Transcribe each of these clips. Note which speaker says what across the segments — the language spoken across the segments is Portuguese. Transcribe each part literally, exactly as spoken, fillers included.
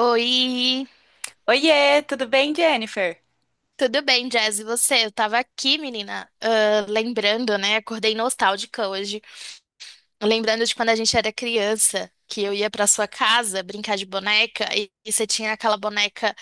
Speaker 1: Oi,
Speaker 2: Oiê, tudo bem, Jennifer?
Speaker 1: tudo bem, Jazz? E você? Eu tava aqui, menina, ah, lembrando, né? Acordei nostálgica hoje. Lembrando de quando a gente era criança, que eu ia pra sua casa brincar de boneca e, e você tinha aquela boneca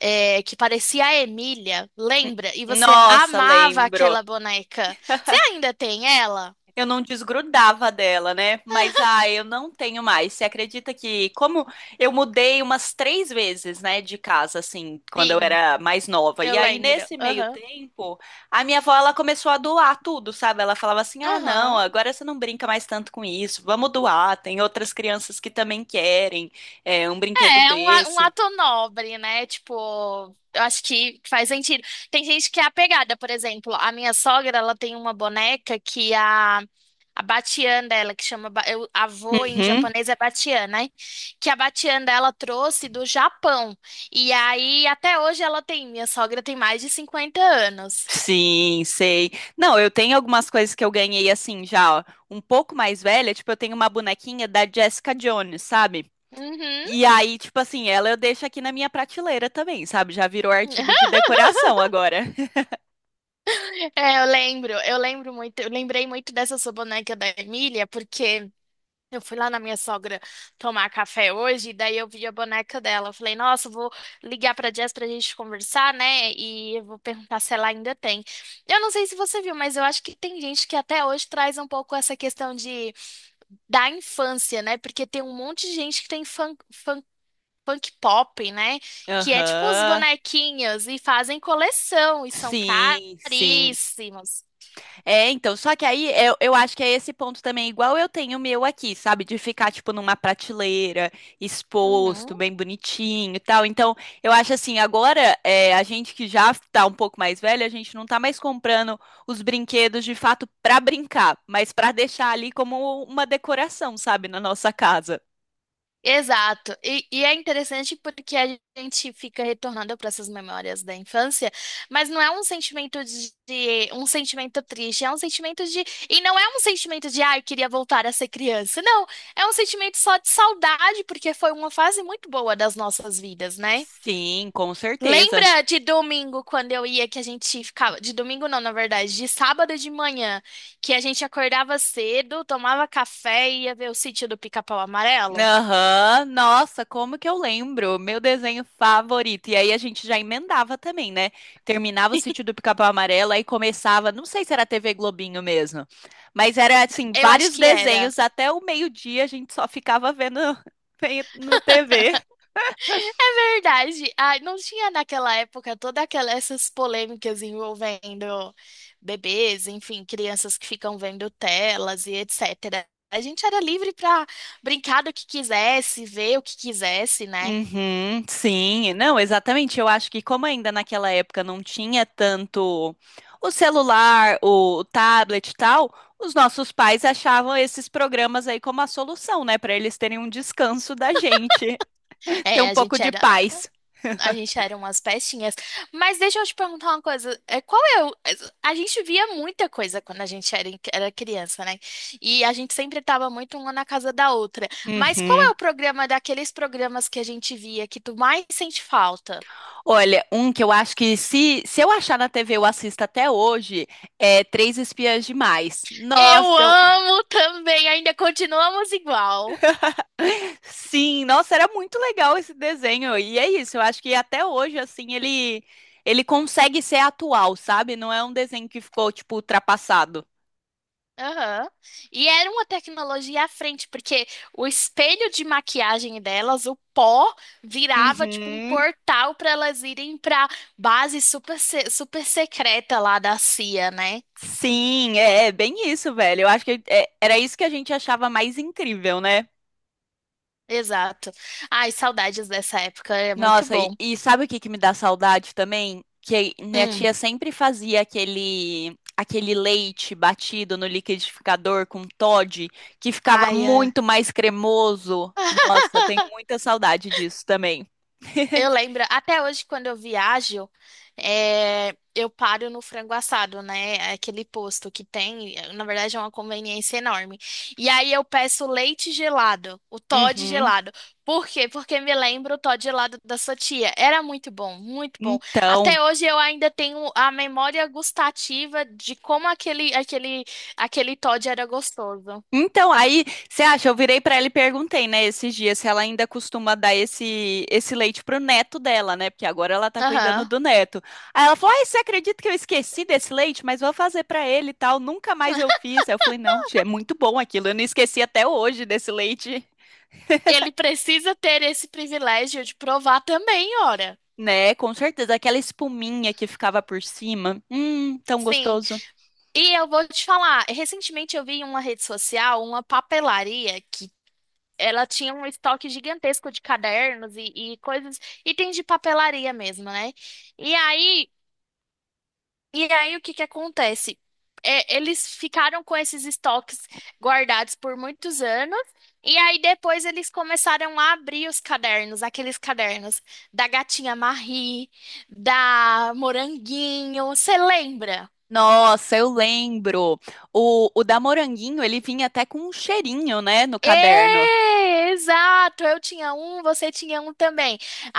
Speaker 1: eh, que parecia a Emília,
Speaker 2: N-
Speaker 1: lembra? E você
Speaker 2: Nossa,
Speaker 1: amava aquela
Speaker 2: lembro.
Speaker 1: boneca. Você ainda tem ela?
Speaker 2: Eu não desgrudava dela, né? Mas ah, eu não tenho mais. Você acredita que como eu mudei umas três vezes, né, de casa, assim, quando eu
Speaker 1: Sim,
Speaker 2: era mais nova? E
Speaker 1: eu
Speaker 2: aí
Speaker 1: lembro.
Speaker 2: nesse meio
Speaker 1: Aham,
Speaker 2: tempo, a minha avó ela começou a doar tudo, sabe? Ela falava assim: "Ah, não,
Speaker 1: aham.
Speaker 2: agora você não brinca mais tanto com isso. Vamos doar. Tem outras crianças que também querem é, um brinquedo
Speaker 1: É, é um, a- um
Speaker 2: desse."
Speaker 1: ato nobre, né? Tipo, eu acho que faz sentido. Tem gente que é apegada, por exemplo, a minha sogra, ela tem uma boneca que a, a Batian dela, que chama, ba- eu, avô em
Speaker 2: Uhum.
Speaker 1: japonês é Batian, né? Que a Batian dela trouxe do Japão. E aí, até hoje ela tem, minha sogra tem mais de cinquenta anos.
Speaker 2: Sim, sei. Não, eu tenho algumas coisas que eu ganhei assim já, ó, um pouco mais velha, tipo, eu tenho uma bonequinha da Jessica Jones, sabe?
Speaker 1: Uhum.
Speaker 2: E aí, tipo assim, ela eu deixo aqui na minha prateleira também, sabe? Já virou artigo de decoração agora.
Speaker 1: É, eu lembro, eu lembro muito, eu lembrei muito dessa sua boneca da Emília, porque eu fui lá na minha sogra tomar café hoje, e daí eu vi a boneca dela. Eu falei, nossa, eu vou ligar pra Jess pra gente conversar, né? E eu vou perguntar se ela ainda tem. Eu não sei se você viu, mas eu acho que tem gente que até hoje traz um pouco essa questão de da infância, né? Porque tem um monte de gente que tem fã, fã- punk pop, né? Que é tipo os
Speaker 2: Aham.
Speaker 1: bonequinhos e fazem coleção e são
Speaker 2: Sim, sim.
Speaker 1: caríssimos.
Speaker 2: É, então, só que aí eu, eu acho que é esse ponto também, igual eu tenho o meu aqui, sabe? De ficar, tipo, numa prateleira, exposto,
Speaker 1: Uhum.
Speaker 2: bem bonitinho e tal. Então, eu acho assim, agora é, a gente que já tá um pouco mais velha, a gente não tá mais comprando os brinquedos de fato pra brincar, mas pra deixar ali como uma decoração, sabe? Na nossa casa.
Speaker 1: Exato. E, e é interessante porque a gente fica retornando para essas memórias da infância, mas não é um sentimento de, de- um sentimento triste, é um sentimento de, e não é um sentimento de ah, eu queria voltar a ser criança. Não, é um sentimento só de saudade porque foi uma fase muito boa das nossas vidas, né?
Speaker 2: Sim, com certeza.
Speaker 1: Lembra de domingo quando eu ia, que a gente ficava de domingo não, na verdade, de sábado de manhã, que a gente acordava cedo, tomava café e ia ver o Sítio do Pica-Pau Amarelo?
Speaker 2: Aham. Nossa, como que eu lembro? Meu desenho favorito. E aí a gente já emendava também, né? Terminava o Sítio do Pica-Pau Amarelo e começava, não sei se era T V Globinho mesmo, mas era assim,
Speaker 1: Eu acho
Speaker 2: vários
Speaker 1: que era.
Speaker 2: desenhos até o meio-dia a gente só ficava vendo no T V.
Speaker 1: É verdade. Ai, não tinha naquela época toda aquela, essas polêmicas envolvendo bebês, enfim, crianças que ficam vendo telas e et cetera. A gente era livre para brincar do que quisesse, ver o que quisesse, né?
Speaker 2: Uhum, sim, não, exatamente. Eu acho que como ainda naquela época não tinha tanto o celular, o tablet e tal, os nossos pais achavam esses programas aí como a solução, né, para eles terem um descanso da gente, ter
Speaker 1: É,
Speaker 2: um
Speaker 1: a
Speaker 2: pouco
Speaker 1: gente
Speaker 2: de
Speaker 1: era.
Speaker 2: paz.
Speaker 1: A gente era umas pestinhas. Mas deixa eu te perguntar uma coisa. É, qual é o... A gente via muita coisa quando a gente era, em- era criança, né? E a gente sempre tava muito uma na casa da outra. Mas qual é
Speaker 2: Uhum.
Speaker 1: o programa daqueles programas que a gente via que tu mais sente falta?
Speaker 2: Olha, um que eu acho que se, se eu achar na T V eu assisto até hoje é Três Espiãs Demais.
Speaker 1: Eu
Speaker 2: Nossa.
Speaker 1: amo também, ainda continuamos igual.
Speaker 2: Sim, nossa, era muito legal esse desenho. E é isso, eu acho que até hoje, assim, ele, ele consegue ser atual, sabe? Não é um desenho que ficou, tipo, ultrapassado.
Speaker 1: Aham. E era uma tecnologia à frente, porque o espelho de maquiagem delas, o pó, virava tipo um
Speaker 2: Uhum.
Speaker 1: portal para elas irem para base super, se- super secreta lá da C I A, né?
Speaker 2: Sim, é, é bem isso, velho. Eu acho que é- era isso que a gente achava mais incrível, né?
Speaker 1: Exato. Ai, saudades dessa época, é muito
Speaker 2: Nossa, e,
Speaker 1: bom.
Speaker 2: e sabe o que que me dá saudade também? Que minha
Speaker 1: Hum.
Speaker 2: tia sempre fazia aquele aquele leite batido no liquidificador com Toddy, que ficava
Speaker 1: Ai, é.
Speaker 2: muito mais cremoso. Nossa, tenho muita saudade disso também.
Speaker 1: Eu lembro, até hoje, quando eu viajo, é, eu paro no Frango Assado, né? Aquele posto que tem, na verdade, é uma conveniência enorme. E aí eu peço leite gelado, o Toddy
Speaker 2: Uhum.
Speaker 1: gelado. Por quê? Porque me lembro o Toddy gelado da sua tia. Era muito bom, muito bom.
Speaker 2: Então.
Speaker 1: Até hoje eu ainda tenho a memória gustativa de como aquele, aquele, aquele Toddy era gostoso.
Speaker 2: Então, aí, você acha, eu virei pra ela e perguntei, né, esses dias, se ela ainda costuma dar esse, esse leite pro neto dela, né, porque agora ela tá cuidando
Speaker 1: Aham.
Speaker 2: do neto. Aí ela falou, ai, você acredita que eu esqueci desse leite? Mas vou fazer pra ele e tal, nunca mais eu fiz. Aí eu falei, não, tia, é muito bom aquilo, eu não esqueci até hoje desse leite.
Speaker 1: Ele precisa ter esse privilégio de provar também, ora.
Speaker 2: Né, com certeza, aquela espuminha que ficava por cima, hum, tão
Speaker 1: Sim.
Speaker 2: gostoso.
Speaker 1: E eu vou te falar, recentemente eu vi em uma rede social uma papelaria que ela tinha um estoque gigantesco de cadernos e, e coisas, itens de papelaria mesmo, né? E aí, e aí o que que acontece? É, eles ficaram com esses estoques guardados por muitos anos, e aí depois eles começaram a abrir os cadernos, aqueles cadernos da Gatinha Marie, da Moranguinho, você lembra?
Speaker 2: Nossa, eu lembro. O, o da Moranguinho, ele vinha até com um cheirinho, né, no caderno.
Speaker 1: É, exato. Eu tinha um, você tinha um também.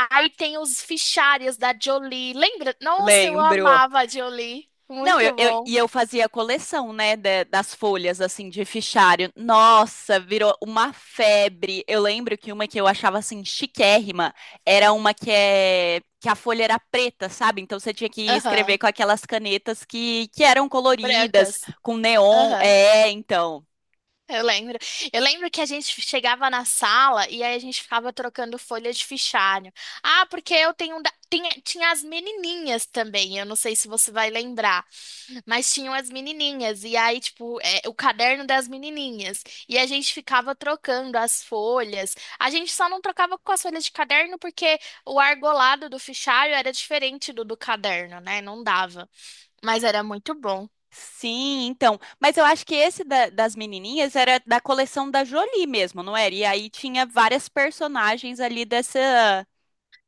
Speaker 1: Aí tem os fichários da Jolie. Lembra? Nossa, eu
Speaker 2: Lembro.
Speaker 1: amava a Jolie.
Speaker 2: Não, eu,
Speaker 1: Muito
Speaker 2: eu-
Speaker 1: bom.
Speaker 2: e eu fazia coleção, né, da- das folhas, assim, de fichário. Nossa, virou uma febre. Eu lembro que uma que eu achava, assim, chiquérrima era uma que, é, que a folha era preta, sabe? Então você tinha que escrever
Speaker 1: Aham.
Speaker 2: com aquelas canetas que, que eram coloridas,
Speaker 1: Brancas.
Speaker 2: com neon.
Speaker 1: Aham.
Speaker 2: É, então.
Speaker 1: Eu lembro. Eu lembro que a gente chegava na sala e aí a gente ficava trocando folha de fichário. Ah, porque eu tenho um da... tinha, tinha as menininhas também. Eu não sei se você vai lembrar. Mas tinham as menininhas, e aí, tipo, é, o caderno das menininhas. E a gente ficava trocando as folhas. A gente só não trocava com as folhas de caderno porque o argolado do fichário era diferente do do caderno, né? Não dava. Mas era muito bom.
Speaker 2: Sim, então. Mas eu acho que esse da- das menininhas era da coleção da Jolie mesmo, não era? E aí tinha várias personagens ali dessa,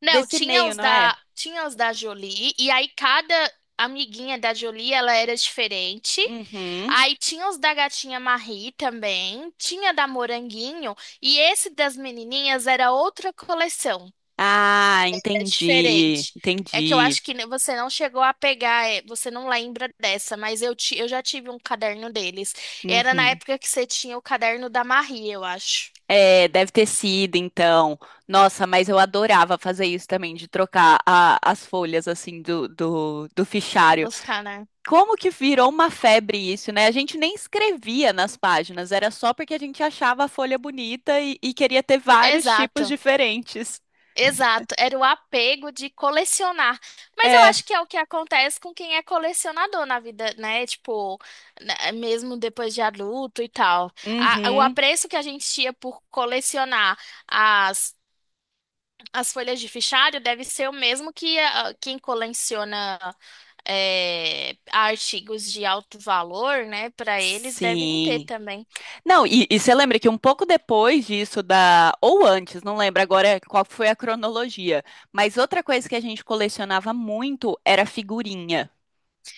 Speaker 1: Não,
Speaker 2: desse
Speaker 1: tinha
Speaker 2: meio,
Speaker 1: os
Speaker 2: não é?
Speaker 1: da, tinha os da Jolie, e aí cada amiguinha da Jolie, ela era diferente.
Speaker 2: Uhum.
Speaker 1: Aí tinha os da Gatinha Marie também, tinha da Moranguinho, e esse das menininhas era outra coleção.
Speaker 2: Ah,
Speaker 1: É
Speaker 2: entendi,
Speaker 1: diferente. É que eu
Speaker 2: entendi.
Speaker 1: acho que você não chegou a pegar, é, você não lembra dessa, mas eu, ti, eu já tive um caderno deles. Era na
Speaker 2: Uhum.
Speaker 1: época que você tinha o caderno da Marie, eu acho.
Speaker 2: É, deve ter sido, então. Nossa, mas eu adorava fazer isso também, de trocar a- as folhas, assim, do, do, do fichário.
Speaker 1: Buscar, né?
Speaker 2: Como que virou uma febre isso, né? A gente nem escrevia nas páginas, era só porque a gente achava a folha bonita e, e queria ter vários tipos
Speaker 1: Exato,
Speaker 2: diferentes.
Speaker 1: exato. Era o apego de colecionar. Mas eu
Speaker 2: É.
Speaker 1: acho que é o que acontece com quem é colecionador na vida, né? Tipo, né, mesmo depois de adulto e tal. A- o
Speaker 2: Uhum.
Speaker 1: apreço que a gente tinha por colecionar as, as folhas de fichário deve ser o mesmo que a- quem coleciona é, artigos de alto valor, né? Para eles devem ter
Speaker 2: Sim.
Speaker 1: também.
Speaker 2: Não, e, e você lembra que um pouco depois disso da, ou antes, não lembro agora qual foi a cronologia, mas outra coisa que a gente colecionava muito era figurinha.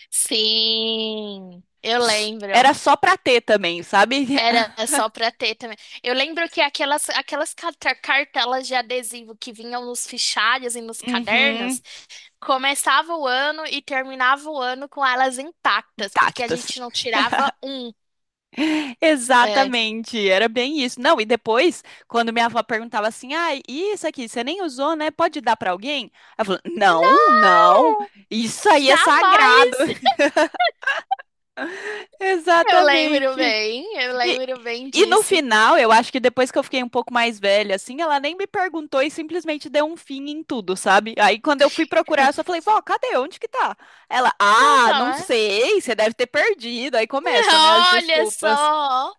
Speaker 1: Sim, eu
Speaker 2: S-
Speaker 1: lembro.
Speaker 2: Era só pra ter também, sabe?
Speaker 1: Era só para ter também. Eu lembro que aquelas, aquelas carta- cartelas de adesivo que vinham nos fichários e nos cadernos,
Speaker 2: Uhum,
Speaker 1: começava o ano e terminava o ano com elas intactas, porque a
Speaker 2: intactas.
Speaker 1: gente não tirava um. É.
Speaker 2: Exatamente, era bem isso. Não, e depois, quando minha avó perguntava assim, ah, e isso aqui, você nem usou, né? Pode dar pra alguém? Ela falou, não, não,
Speaker 1: Não!
Speaker 2: isso aí é sagrado.
Speaker 1: Jamais! Eu lembro
Speaker 2: Exatamente.
Speaker 1: bem, eu
Speaker 2: E,
Speaker 1: lembro bem
Speaker 2: E no
Speaker 1: disso.
Speaker 2: final, eu acho que depois que eu fiquei um pouco mais velha, assim, ela nem me perguntou e simplesmente deu um fim em tudo, sabe? Aí quando eu fui procurar, eu só falei, vó, cadê? Onde que tá? Ela,
Speaker 1: Não
Speaker 2: ah,
Speaker 1: tá,
Speaker 2: não
Speaker 1: né?
Speaker 2: sei, você deve ter perdido. Aí começa, né, as
Speaker 1: Olha
Speaker 2: desculpas.
Speaker 1: só!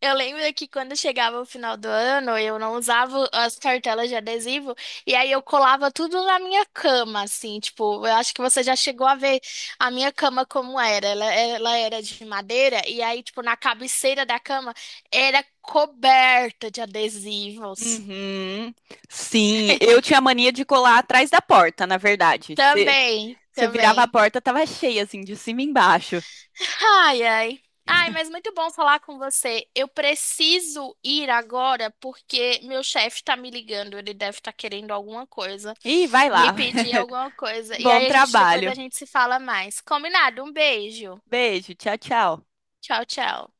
Speaker 1: Eu lembro que quando chegava o final do ano, eu não usava as cartelas de adesivo, e aí eu colava tudo na minha cama, assim, tipo, eu acho que você já chegou a ver a minha cama como era. Ela, ela era de madeira, e aí, tipo, na cabeceira da cama era coberta de adesivos.
Speaker 2: Uhum. Sim, eu tinha mania de colar atrás da porta, na verdade. Você
Speaker 1: Também,
Speaker 2: você virava a
Speaker 1: também.
Speaker 2: porta, tava cheia, assim, de cima e embaixo.
Speaker 1: Ai, ai. Ai, mas muito bom falar com você. Eu preciso ir agora porque meu chefe tá me ligando. Ele deve estar querendo alguma coisa,
Speaker 2: Ih, vai
Speaker 1: me
Speaker 2: lá.
Speaker 1: pedir alguma coisa. E
Speaker 2: Bom
Speaker 1: aí a gente depois, a
Speaker 2: trabalho.
Speaker 1: gente se fala mais. Combinado? Um beijo.
Speaker 2: Beijo, tchau, tchau.
Speaker 1: Tchau, tchau.